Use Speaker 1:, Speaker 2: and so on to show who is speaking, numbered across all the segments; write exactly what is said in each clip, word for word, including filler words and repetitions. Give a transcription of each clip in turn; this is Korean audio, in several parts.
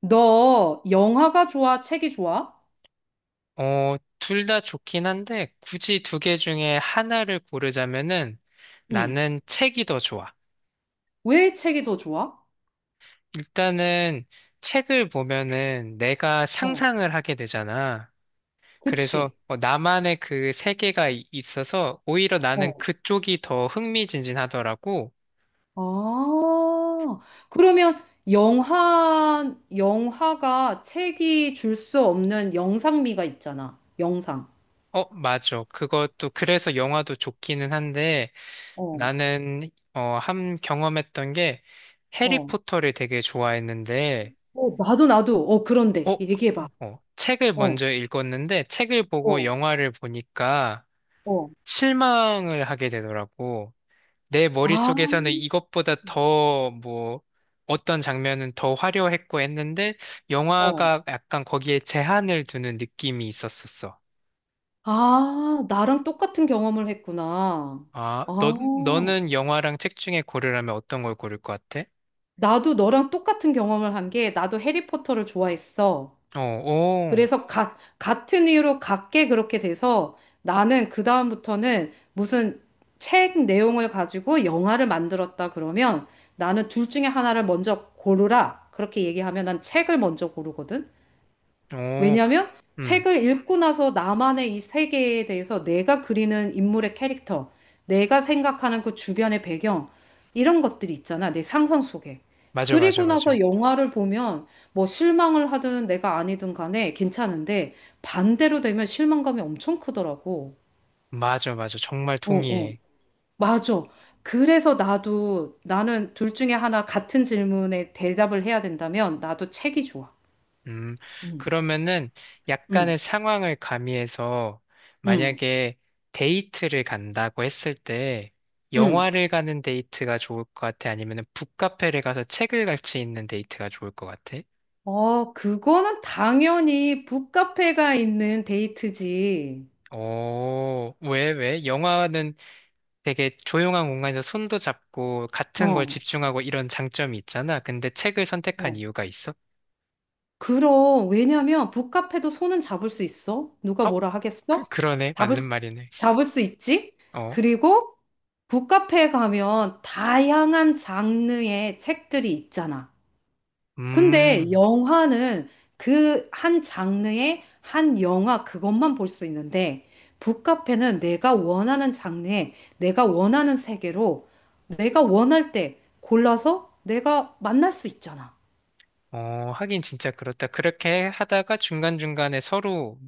Speaker 1: 너 영화가 좋아? 책이 좋아?
Speaker 2: 어, 둘 다 좋긴 한데, 굳이 두 개 중에 하나를 고르자면은
Speaker 1: 응.
Speaker 2: 나는 책이 더 좋아.
Speaker 1: 왜 책이 더 좋아?
Speaker 2: 일단은 책을 보면은 내가
Speaker 1: 어,
Speaker 2: 상상을 하게 되잖아. 그래서
Speaker 1: 그치?
Speaker 2: 어, 나만의 그 세계가 이- 있어서 오히려 나는
Speaker 1: 어.
Speaker 2: 그쪽이 더 흥미진진하더라고.
Speaker 1: 아, 그러면 영화, 영화가 책이 줄 수 없는 영상미가 있잖아. 영상.
Speaker 2: 어, 맞아. 그것도 그래서 영화도 좋기는 한데
Speaker 1: 어,
Speaker 2: 나는 어, 한 경험했던 게
Speaker 1: 어,
Speaker 2: 해리포터를 되게 좋아했는데
Speaker 1: 어, 나도, 나도. 어,
Speaker 2: 어,
Speaker 1: 그런데. 얘기해봐.
Speaker 2: 어, 책을
Speaker 1: 어.
Speaker 2: 먼저 읽었는데 책을 보고
Speaker 1: 어,
Speaker 2: 영화를 보니까
Speaker 1: 어,
Speaker 2: 실망을 하게 되더라고. 내
Speaker 1: 아,
Speaker 2: 머릿속에서는 이것보다 더 뭐 어떤 장면은 더 화려했고 했는데
Speaker 1: 어.
Speaker 2: 영화가 약간 거기에 제한을 두는 느낌이 있었었어.
Speaker 1: 아, 나랑 똑같은 경험을 했구나.
Speaker 2: 아,
Speaker 1: 아,
Speaker 2: 너, 너는 영화랑 책 중에 고르라면 어떤 걸 고를 것 같아?
Speaker 1: 나도 너랑 똑같은 경험을 한 게 나도 해리포터를 좋아했어.
Speaker 2: 어, 오,
Speaker 1: 그래서 가, 같은 이유로 같게 그렇게 돼서 나는 그다음부터는 무슨 책 내용을 가지고 영화를 만들었다 그러면 나는 둘 중에 하나를 먼저 고르라. 그렇게 얘기하면 난 책을 먼저 고르거든.
Speaker 2: 오,
Speaker 1: 왜냐면
Speaker 2: 음,
Speaker 1: 책을 읽고 나서 나만의 이 세계에 대해서 내가 그리는 인물의 캐릭터, 내가 생각하는 그 주변의 배경, 이런 것들이 있잖아. 내 상상 속에.
Speaker 2: 맞아, 맞아,
Speaker 1: 그리고
Speaker 2: 맞아.
Speaker 1: 나서 영화를 보면 뭐 실망을 하든 내가 아니든 간에 괜찮은데 반대로 되면 실망감이 엄청 크더라고.
Speaker 2: 맞아, 맞아. 정말
Speaker 1: 어, 어.
Speaker 2: 동의해.
Speaker 1: 맞아. 그래서 나도 나는 둘 중에 하나 같은 질문에 대답을 해야 된다면 나도 책이 좋아.
Speaker 2: 음, 그러면은
Speaker 1: 응,
Speaker 2: 약간의 상황을 가미해서
Speaker 1: 응,
Speaker 2: 만약에 데이트를 간다고 했을 때
Speaker 1: 응.
Speaker 2: 영화를 가는 데이트가 좋을 것 같아? 아니면은 북카페를 가서 책을 같이 읽는 데이트가 좋을 것 같아?
Speaker 1: 어, 그거는 당연히 북카페가 있는 데이트지.
Speaker 2: 어, 왜, 왜? 영화는 되게 조용한 공간에서 손도 잡고 같은 걸
Speaker 1: 어,
Speaker 2: 집중하고 이런 장점이 있잖아. 근데 책을 선택한
Speaker 1: 어.
Speaker 2: 이유가 있어?
Speaker 1: 그럼, 왜냐면 북카페도 손은 잡을 수 있어. 누가
Speaker 2: 어,
Speaker 1: 뭐라
Speaker 2: 그,
Speaker 1: 하겠어?
Speaker 2: 그러네.
Speaker 1: 잡을
Speaker 2: 맞는
Speaker 1: 수,
Speaker 2: 말이네.
Speaker 1: 잡을 수 있지.
Speaker 2: 어,
Speaker 1: 그리고 북카페에 가면 다양한 장르의 책들이 있잖아. 근데
Speaker 2: 음.
Speaker 1: 영화는 그 한 장르의 한 영화 그것만 볼 수 있는데 북카페는 내가 원하는 장르에 내가 원하는 세계로 내가 원할 때 골라서 내가 만날 수 있잖아.
Speaker 2: 어, 하긴 진짜 그렇다. 그렇게 하다가 중간중간에 서로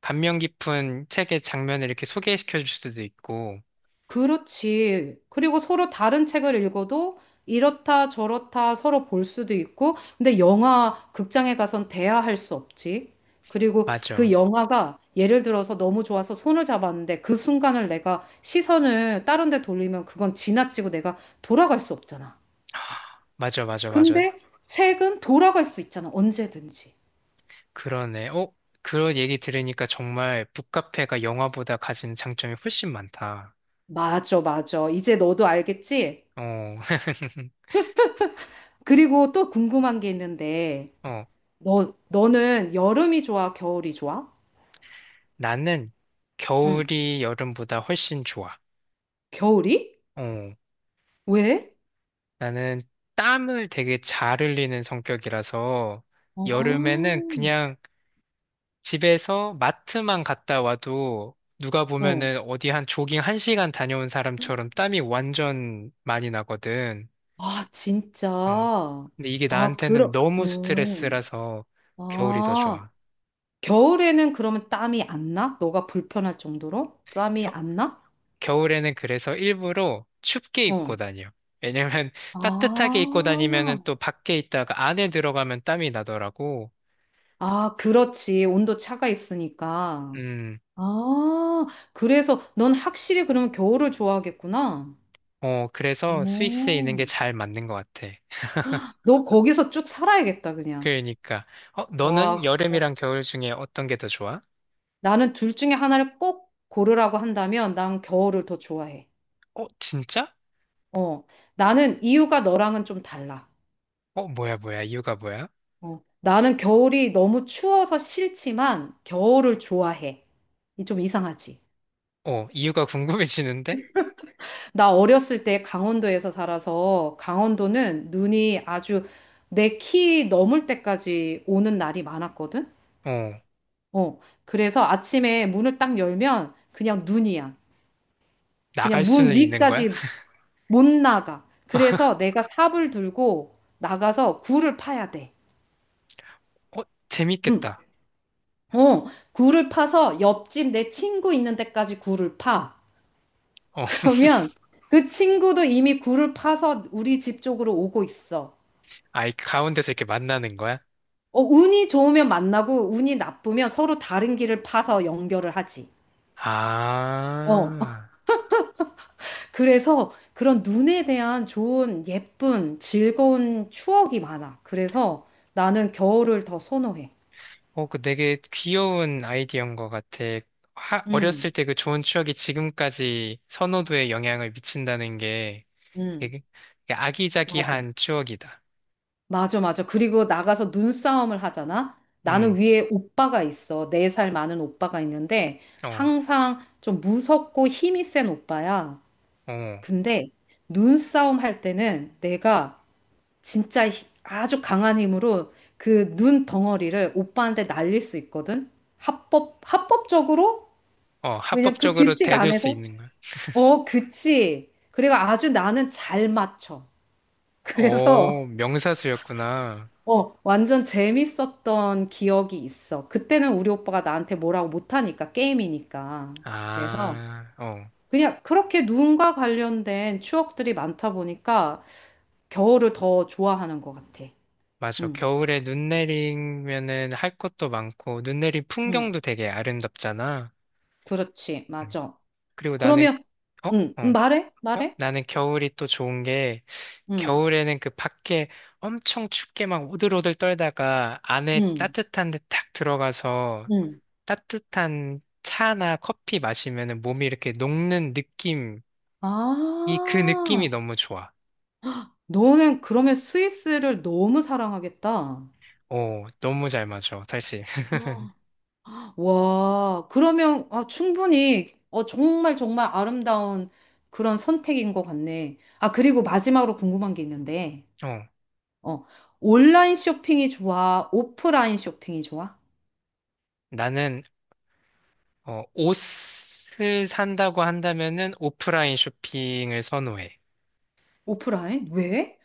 Speaker 2: 감명 깊은 책의 장면을 이렇게 소개시켜 줄 수도 있고.
Speaker 1: 그렇지. 그리고 서로 다른 책을 읽어도 이렇다 저렇다 서로 볼 수도 있고, 근데 영화 극장에 가선 대화할 수 없지. 그리고 그
Speaker 2: 맞아.
Speaker 1: 영화가 예를 들어서 너무 좋아서 손을 잡았는데 그 순간을 내가 시선을 다른 데 돌리면 그건 지나치고 내가 돌아갈 수 없잖아.
Speaker 2: 맞아, 맞아, 맞아.
Speaker 1: 근데 책은 돌아갈 수 있잖아. 언제든지.
Speaker 2: 그러네. 어? 그런 얘기 들으니까 정말 북카페가 영화보다 가진 장점이 훨씬 많다.
Speaker 1: 맞아, 맞아. 이제 너도 알겠지?
Speaker 2: 어,
Speaker 1: 그리고 또 궁금한 게 있는데,
Speaker 2: 어,
Speaker 1: 너, 너는 여름이 좋아, 겨울이 좋아?
Speaker 2: 나는
Speaker 1: 응.
Speaker 2: 겨울이 여름보다 훨씬 좋아.
Speaker 1: 겨울이?
Speaker 2: 어,
Speaker 1: 왜?
Speaker 2: 나는 땀을 되게 잘 흘리는 성격이라서
Speaker 1: 아,
Speaker 2: 여름에는 그냥 집에서 마트만 갔다 와도 누가
Speaker 1: 어.
Speaker 2: 보면은 어디 한 조깅 한시간 다녀온 사람처럼 땀이 완전 많이 나거든.
Speaker 1: 아, 진짜.
Speaker 2: 음. 근데 이게
Speaker 1: 아,
Speaker 2: 나한테는
Speaker 1: 그럼,
Speaker 2: 너무
Speaker 1: 음.
Speaker 2: 스트레스라서 겨울이 더
Speaker 1: 아,
Speaker 2: 좋아.
Speaker 1: 겨울에는 그러면 땀이 안 나? 너가 불편할 정도로? 땀이
Speaker 2: 겨,
Speaker 1: 안 나?
Speaker 2: 겨울에는 그래서 일부러 춥게 입고
Speaker 1: 어.
Speaker 2: 다녀. 왜냐면 따뜻하게 입고 다니면은
Speaker 1: 아,
Speaker 2: 또 밖에 있다가 안에 들어가면 땀이 나더라고.
Speaker 1: 아, 그렇지. 온도 차가 있으니까.
Speaker 2: 음,
Speaker 1: 아, 그래서 넌 확실히 그러면 겨울을 좋아하겠구나.
Speaker 2: 어, 그래서 스위스에 있는 게
Speaker 1: 오.
Speaker 2: 잘 맞는 것 같아.
Speaker 1: 너 거기서 쭉 살아야겠다, 그냥.
Speaker 2: 그러니까. 어,
Speaker 1: 와,
Speaker 2: 너는
Speaker 1: 어.
Speaker 2: 여름이랑 겨울 중에 어떤 게 더 좋아?
Speaker 1: 나는 둘 중에 하나를 꼭 고르라고 한다면 난 겨울을 더 좋아해.
Speaker 2: 어, 진짜?
Speaker 1: 어, 나는 이유가 너랑은 좀 달라.
Speaker 2: 어, 뭐야, 뭐야, 이유가 뭐야?
Speaker 1: 어, 나는 겨울이 너무 추워서 싫지만 겨울을 좋아해. 이좀 이상하지.
Speaker 2: 어, 이유가 궁금해지는데?
Speaker 1: 나 어렸을 때 강원도에서 살아서 강원도는 눈이 아주 내 키 넘을 때까지 오는 날이 많았거든.
Speaker 2: 어,
Speaker 1: 어, 그래서 아침에 문을 딱 열면 그냥 눈이야.
Speaker 2: 나갈
Speaker 1: 그냥 문
Speaker 2: 수는 있는 거야?
Speaker 1: 위까지 못 나가. 그래서 내가 삽을 들고 나가서 굴을 파야 돼.
Speaker 2: 어,
Speaker 1: 응.
Speaker 2: 재밌겠다.
Speaker 1: 어, 굴을 파서 옆집 내 친구 있는 데까지 굴을 파.
Speaker 2: 어,
Speaker 1: 그러면 그 친구도 이미 굴을 파서 우리 집 쪽으로 오고 있어.
Speaker 2: 아이, 가운데서 이렇게 만나는 거야?
Speaker 1: 어, 운이 좋으면 만나고 운이 나쁘면 서로 다른 길을 파서 연결을 하지. 어,
Speaker 2: 아,
Speaker 1: 그래서 그런 눈에 대한 좋은, 예쁜, 즐거운 추억이 많아. 그래서 나는 겨울을 더 선호해.
Speaker 2: 어, 그 되게 귀여운 아이디어인 것 같아. 하- 어렸을
Speaker 1: 음,
Speaker 2: 때 그 좋은 추억이 지금까지 선호도에 영향을 미친다는 게
Speaker 1: 음,
Speaker 2: 되게 되게
Speaker 1: 맞아.
Speaker 2: 아기자기한 추억이다.
Speaker 1: 맞아, 맞아. 그리고 나가서 눈싸움을 하잖아? 나는
Speaker 2: 음,
Speaker 1: 위에 오빠가 있어. 네 살 많은 오빠가 있는데,
Speaker 2: 어,
Speaker 1: 항상 좀 무섭고 힘이 센 오빠야.
Speaker 2: 어,
Speaker 1: 근데 눈싸움 할 때는 내가 진짜 히- 아주 강한 힘으로 그 눈 덩어리를 오빠한테 날릴 수 있거든? 합법, 합법적으로?
Speaker 2: 어,
Speaker 1: 왜냐면 그
Speaker 2: 합법적으로
Speaker 1: 규칙
Speaker 2: 대들 수
Speaker 1: 안에서?
Speaker 2: 있는 거야.
Speaker 1: 어, 그치. 그리고 아주 나는 잘 맞춰. 그래서
Speaker 2: 어, 명사수였구나.
Speaker 1: 어, 완전 재밌었던 기억이 있어. 그때는 우리 오빠가 나한테 뭐라고 못하니까, 게임이니까. 그래서
Speaker 2: 아, 어,
Speaker 1: 그냥 그렇게 눈과 관련된 추억들이 많다 보니까 겨울을 더 좋아하는 것 같아.
Speaker 2: 맞아.
Speaker 1: 응,
Speaker 2: 겨울에 눈 내리면은 할 것도 많고, 눈 내린
Speaker 1: 응,
Speaker 2: 풍경도 되게 아름답잖아.
Speaker 1: 그렇지,
Speaker 2: 음.
Speaker 1: 맞아.
Speaker 2: 그리고 나는,
Speaker 1: 그러면,
Speaker 2: 어?
Speaker 1: 응, 응,
Speaker 2: 어.
Speaker 1: 말해,
Speaker 2: 어?
Speaker 1: 말해.
Speaker 2: 나는 겨울이 또 좋은 게,
Speaker 1: 응,
Speaker 2: 겨울에는 그 밖에 엄청 춥게 막 오들오들 떨다가 안에
Speaker 1: 응,
Speaker 2: 따뜻한 데 딱 들어가서
Speaker 1: 응.
Speaker 2: 따뜻한 차나 커피 마시면은 몸이 이렇게 녹는 느낌, 이 그 느낌이
Speaker 1: 아,
Speaker 2: 너무 좋아.
Speaker 1: 너는 그러면 스위스를 너무 사랑하겠다.
Speaker 2: 오, 너무 잘 맞아, 다시.
Speaker 1: 와, 그러면 아, 충분히 어, 정말 정말 아름다운 그런 선택인 것 같네. 아, 그리고 마지막으로 궁금한 게 있는데,
Speaker 2: 어.
Speaker 1: 어, 온라인 쇼핑이 좋아? 오프라인 쇼핑이 좋아?
Speaker 2: 나는 어, 옷을 산다고 한다면은 오프라인 쇼핑을 선호해.
Speaker 1: 오프라인? 왜?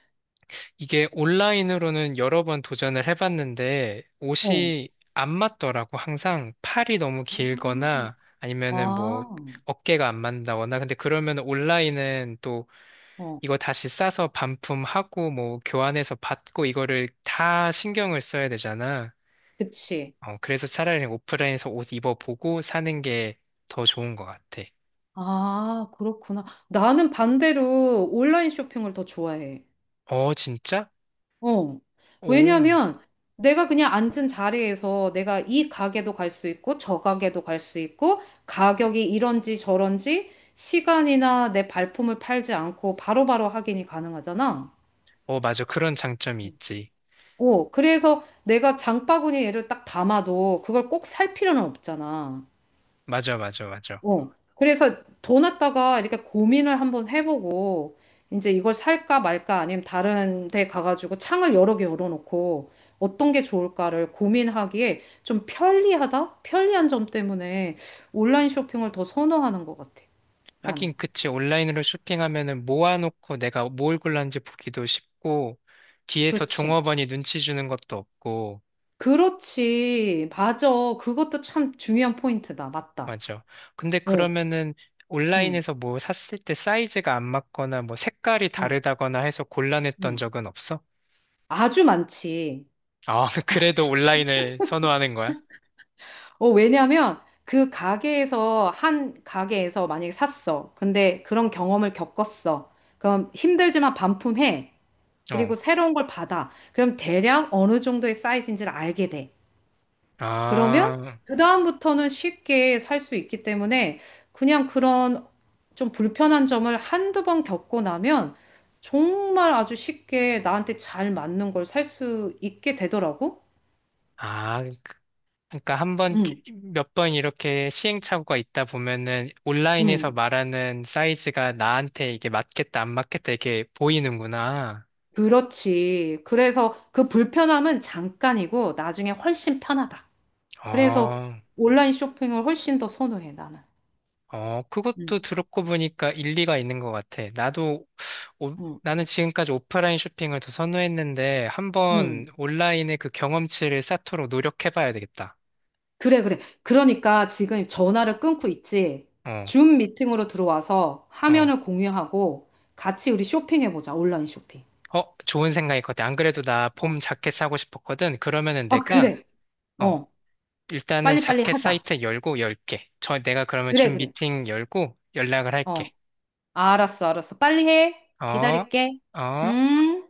Speaker 2: 이게 온라인으로는 여러 번 도전을 해봤는데
Speaker 1: 어,
Speaker 2: 옷이 안 맞더라고. 항상 팔이 너무
Speaker 1: 음.
Speaker 2: 길거나 아니면은 뭐
Speaker 1: 아,
Speaker 2: 어깨가 안 맞는다거나. 근데 그러면 온라인은 또
Speaker 1: 어,
Speaker 2: 이거 다시 싸서 반품하고 뭐 교환해서 받고 이거를 다 신경을 써야 되잖아.
Speaker 1: 그치.
Speaker 2: 어, 그래서 차라리 오프라인에서 옷 입어보고 사는 게 더 좋은 것 같아.
Speaker 1: 아, 그렇구나. 나는 반대로 온라인 쇼핑을 더 좋아해.
Speaker 2: 어, 진짜?
Speaker 1: 어.
Speaker 2: 오.
Speaker 1: 왜냐면 내가 그냥 앉은 자리에서 내가 이 가게도 갈 수 있고 저 가게도 갈 수 있고 가격이 이런지 저런지 시간이나 내 발품을 팔지 않고 바로바로 확인이 가능하잖아.
Speaker 2: 어, 맞아. 그런 장점이 있지.
Speaker 1: 어, 그래서 내가 장바구니에를 딱 담아도 그걸 꼭 살 필요는 없잖아.
Speaker 2: 맞아, 맞아, 맞아.
Speaker 1: 어. 그래서 돈 갖다가 이렇게 고민을 한번 해보고, 이제 이걸 살까 말까 아니면 다른 데 가가지고 창을 여러 개 열어놓고 어떤 게 좋을까를 고민하기에 좀 편리하다? 편리한 점 때문에 온라인 쇼핑을 더 선호하는 것 같아, 나는.
Speaker 2: 하긴, 그치. 온라인으로 쇼핑하면은 모아놓고 내가 뭘 골랐는지 보기도 쉽고, 뒤에서
Speaker 1: 그렇지.
Speaker 2: 종업원이 눈치 주는 것도 없고,
Speaker 1: 그렇지. 맞아. 그것도 참 중요한 포인트다. 맞다.
Speaker 2: 맞아. 근데
Speaker 1: 어,
Speaker 2: 그러면은
Speaker 1: 응,
Speaker 2: 온라인에서 뭐 샀을 때 사이즈가 안 맞거나 뭐 색깔이
Speaker 1: 응,
Speaker 2: 다르다거나 해서 곤란했던
Speaker 1: 응.
Speaker 2: 적은 없어?
Speaker 1: 아주 많지.
Speaker 2: 아, 그래도 온라인을 선호하는 거야?
Speaker 1: 어, 왜냐면 그 가게에서 한 가게에서 만약에 샀어. 근데 그런 경험을 겪었어. 그럼 힘들지만 반품해. 그리고
Speaker 2: 어.
Speaker 1: 새로운 걸 받아. 그럼 대략 어느 정도의 사이즈인지를 알게 돼. 그러면
Speaker 2: 아,
Speaker 1: 그다음부터는 쉽게 살 수 있기 때문에 그냥 그런 좀 불편한 점을 한두 번 겪고 나면 정말 아주 쉽게 나한테 잘 맞는 걸 살 수 있게 되더라고.
Speaker 2: 아, 그러니까 한 번,
Speaker 1: 응,
Speaker 2: 몇 번 이렇게 시행착오가 있다 보면은 온라인에서
Speaker 1: 응.
Speaker 2: 말하는 사이즈가 나한테 이게 맞겠다, 안 맞겠다, 이게 보이는구나.
Speaker 1: 그렇지. 그래서 그 불편함은 잠깐이고 나중에 훨씬 편하다. 그래서
Speaker 2: 어,
Speaker 1: 온라인 쇼핑을 훨씬 더 선호해, 나는.
Speaker 2: 어,
Speaker 1: 응,
Speaker 2: 그것도 들었고 보니까 일리가 있는 것 같아. 나도, 오-
Speaker 1: 응,
Speaker 2: 나는 지금까지 오프라인 쇼핑을 더 선호했는데 한번
Speaker 1: 응.
Speaker 2: 온라인의 그 경험치를 쌓도록 노력해봐야 되겠다.
Speaker 1: 그래, 그래. 그러니까 지금 전화를 끊고 있지.
Speaker 2: 어,
Speaker 1: 줌 미팅으로 들어와서
Speaker 2: 어.
Speaker 1: 화면을 공유하고 같이 우리 쇼핑해보자, 온라인 쇼핑.
Speaker 2: 어, 좋은 생각일 것 같아. 안 그래도 나 봄
Speaker 1: 어,
Speaker 2: 자켓 사고 싶었거든. 그러면은
Speaker 1: 아,
Speaker 2: 내가
Speaker 1: 그래.
Speaker 2: 어,
Speaker 1: 어,
Speaker 2: 일단은
Speaker 1: 빨리빨리
Speaker 2: 자켓
Speaker 1: 하자.
Speaker 2: 사이트 열고 열게. 저 내가 그러면
Speaker 1: 그래,
Speaker 2: 준
Speaker 1: 그래.
Speaker 2: 미팅 열고 연락을
Speaker 1: 어,
Speaker 2: 할게.
Speaker 1: 알았어, 알았어. 빨리 해.
Speaker 2: 어?
Speaker 1: 기다릴게.
Speaker 2: 어?
Speaker 1: 음.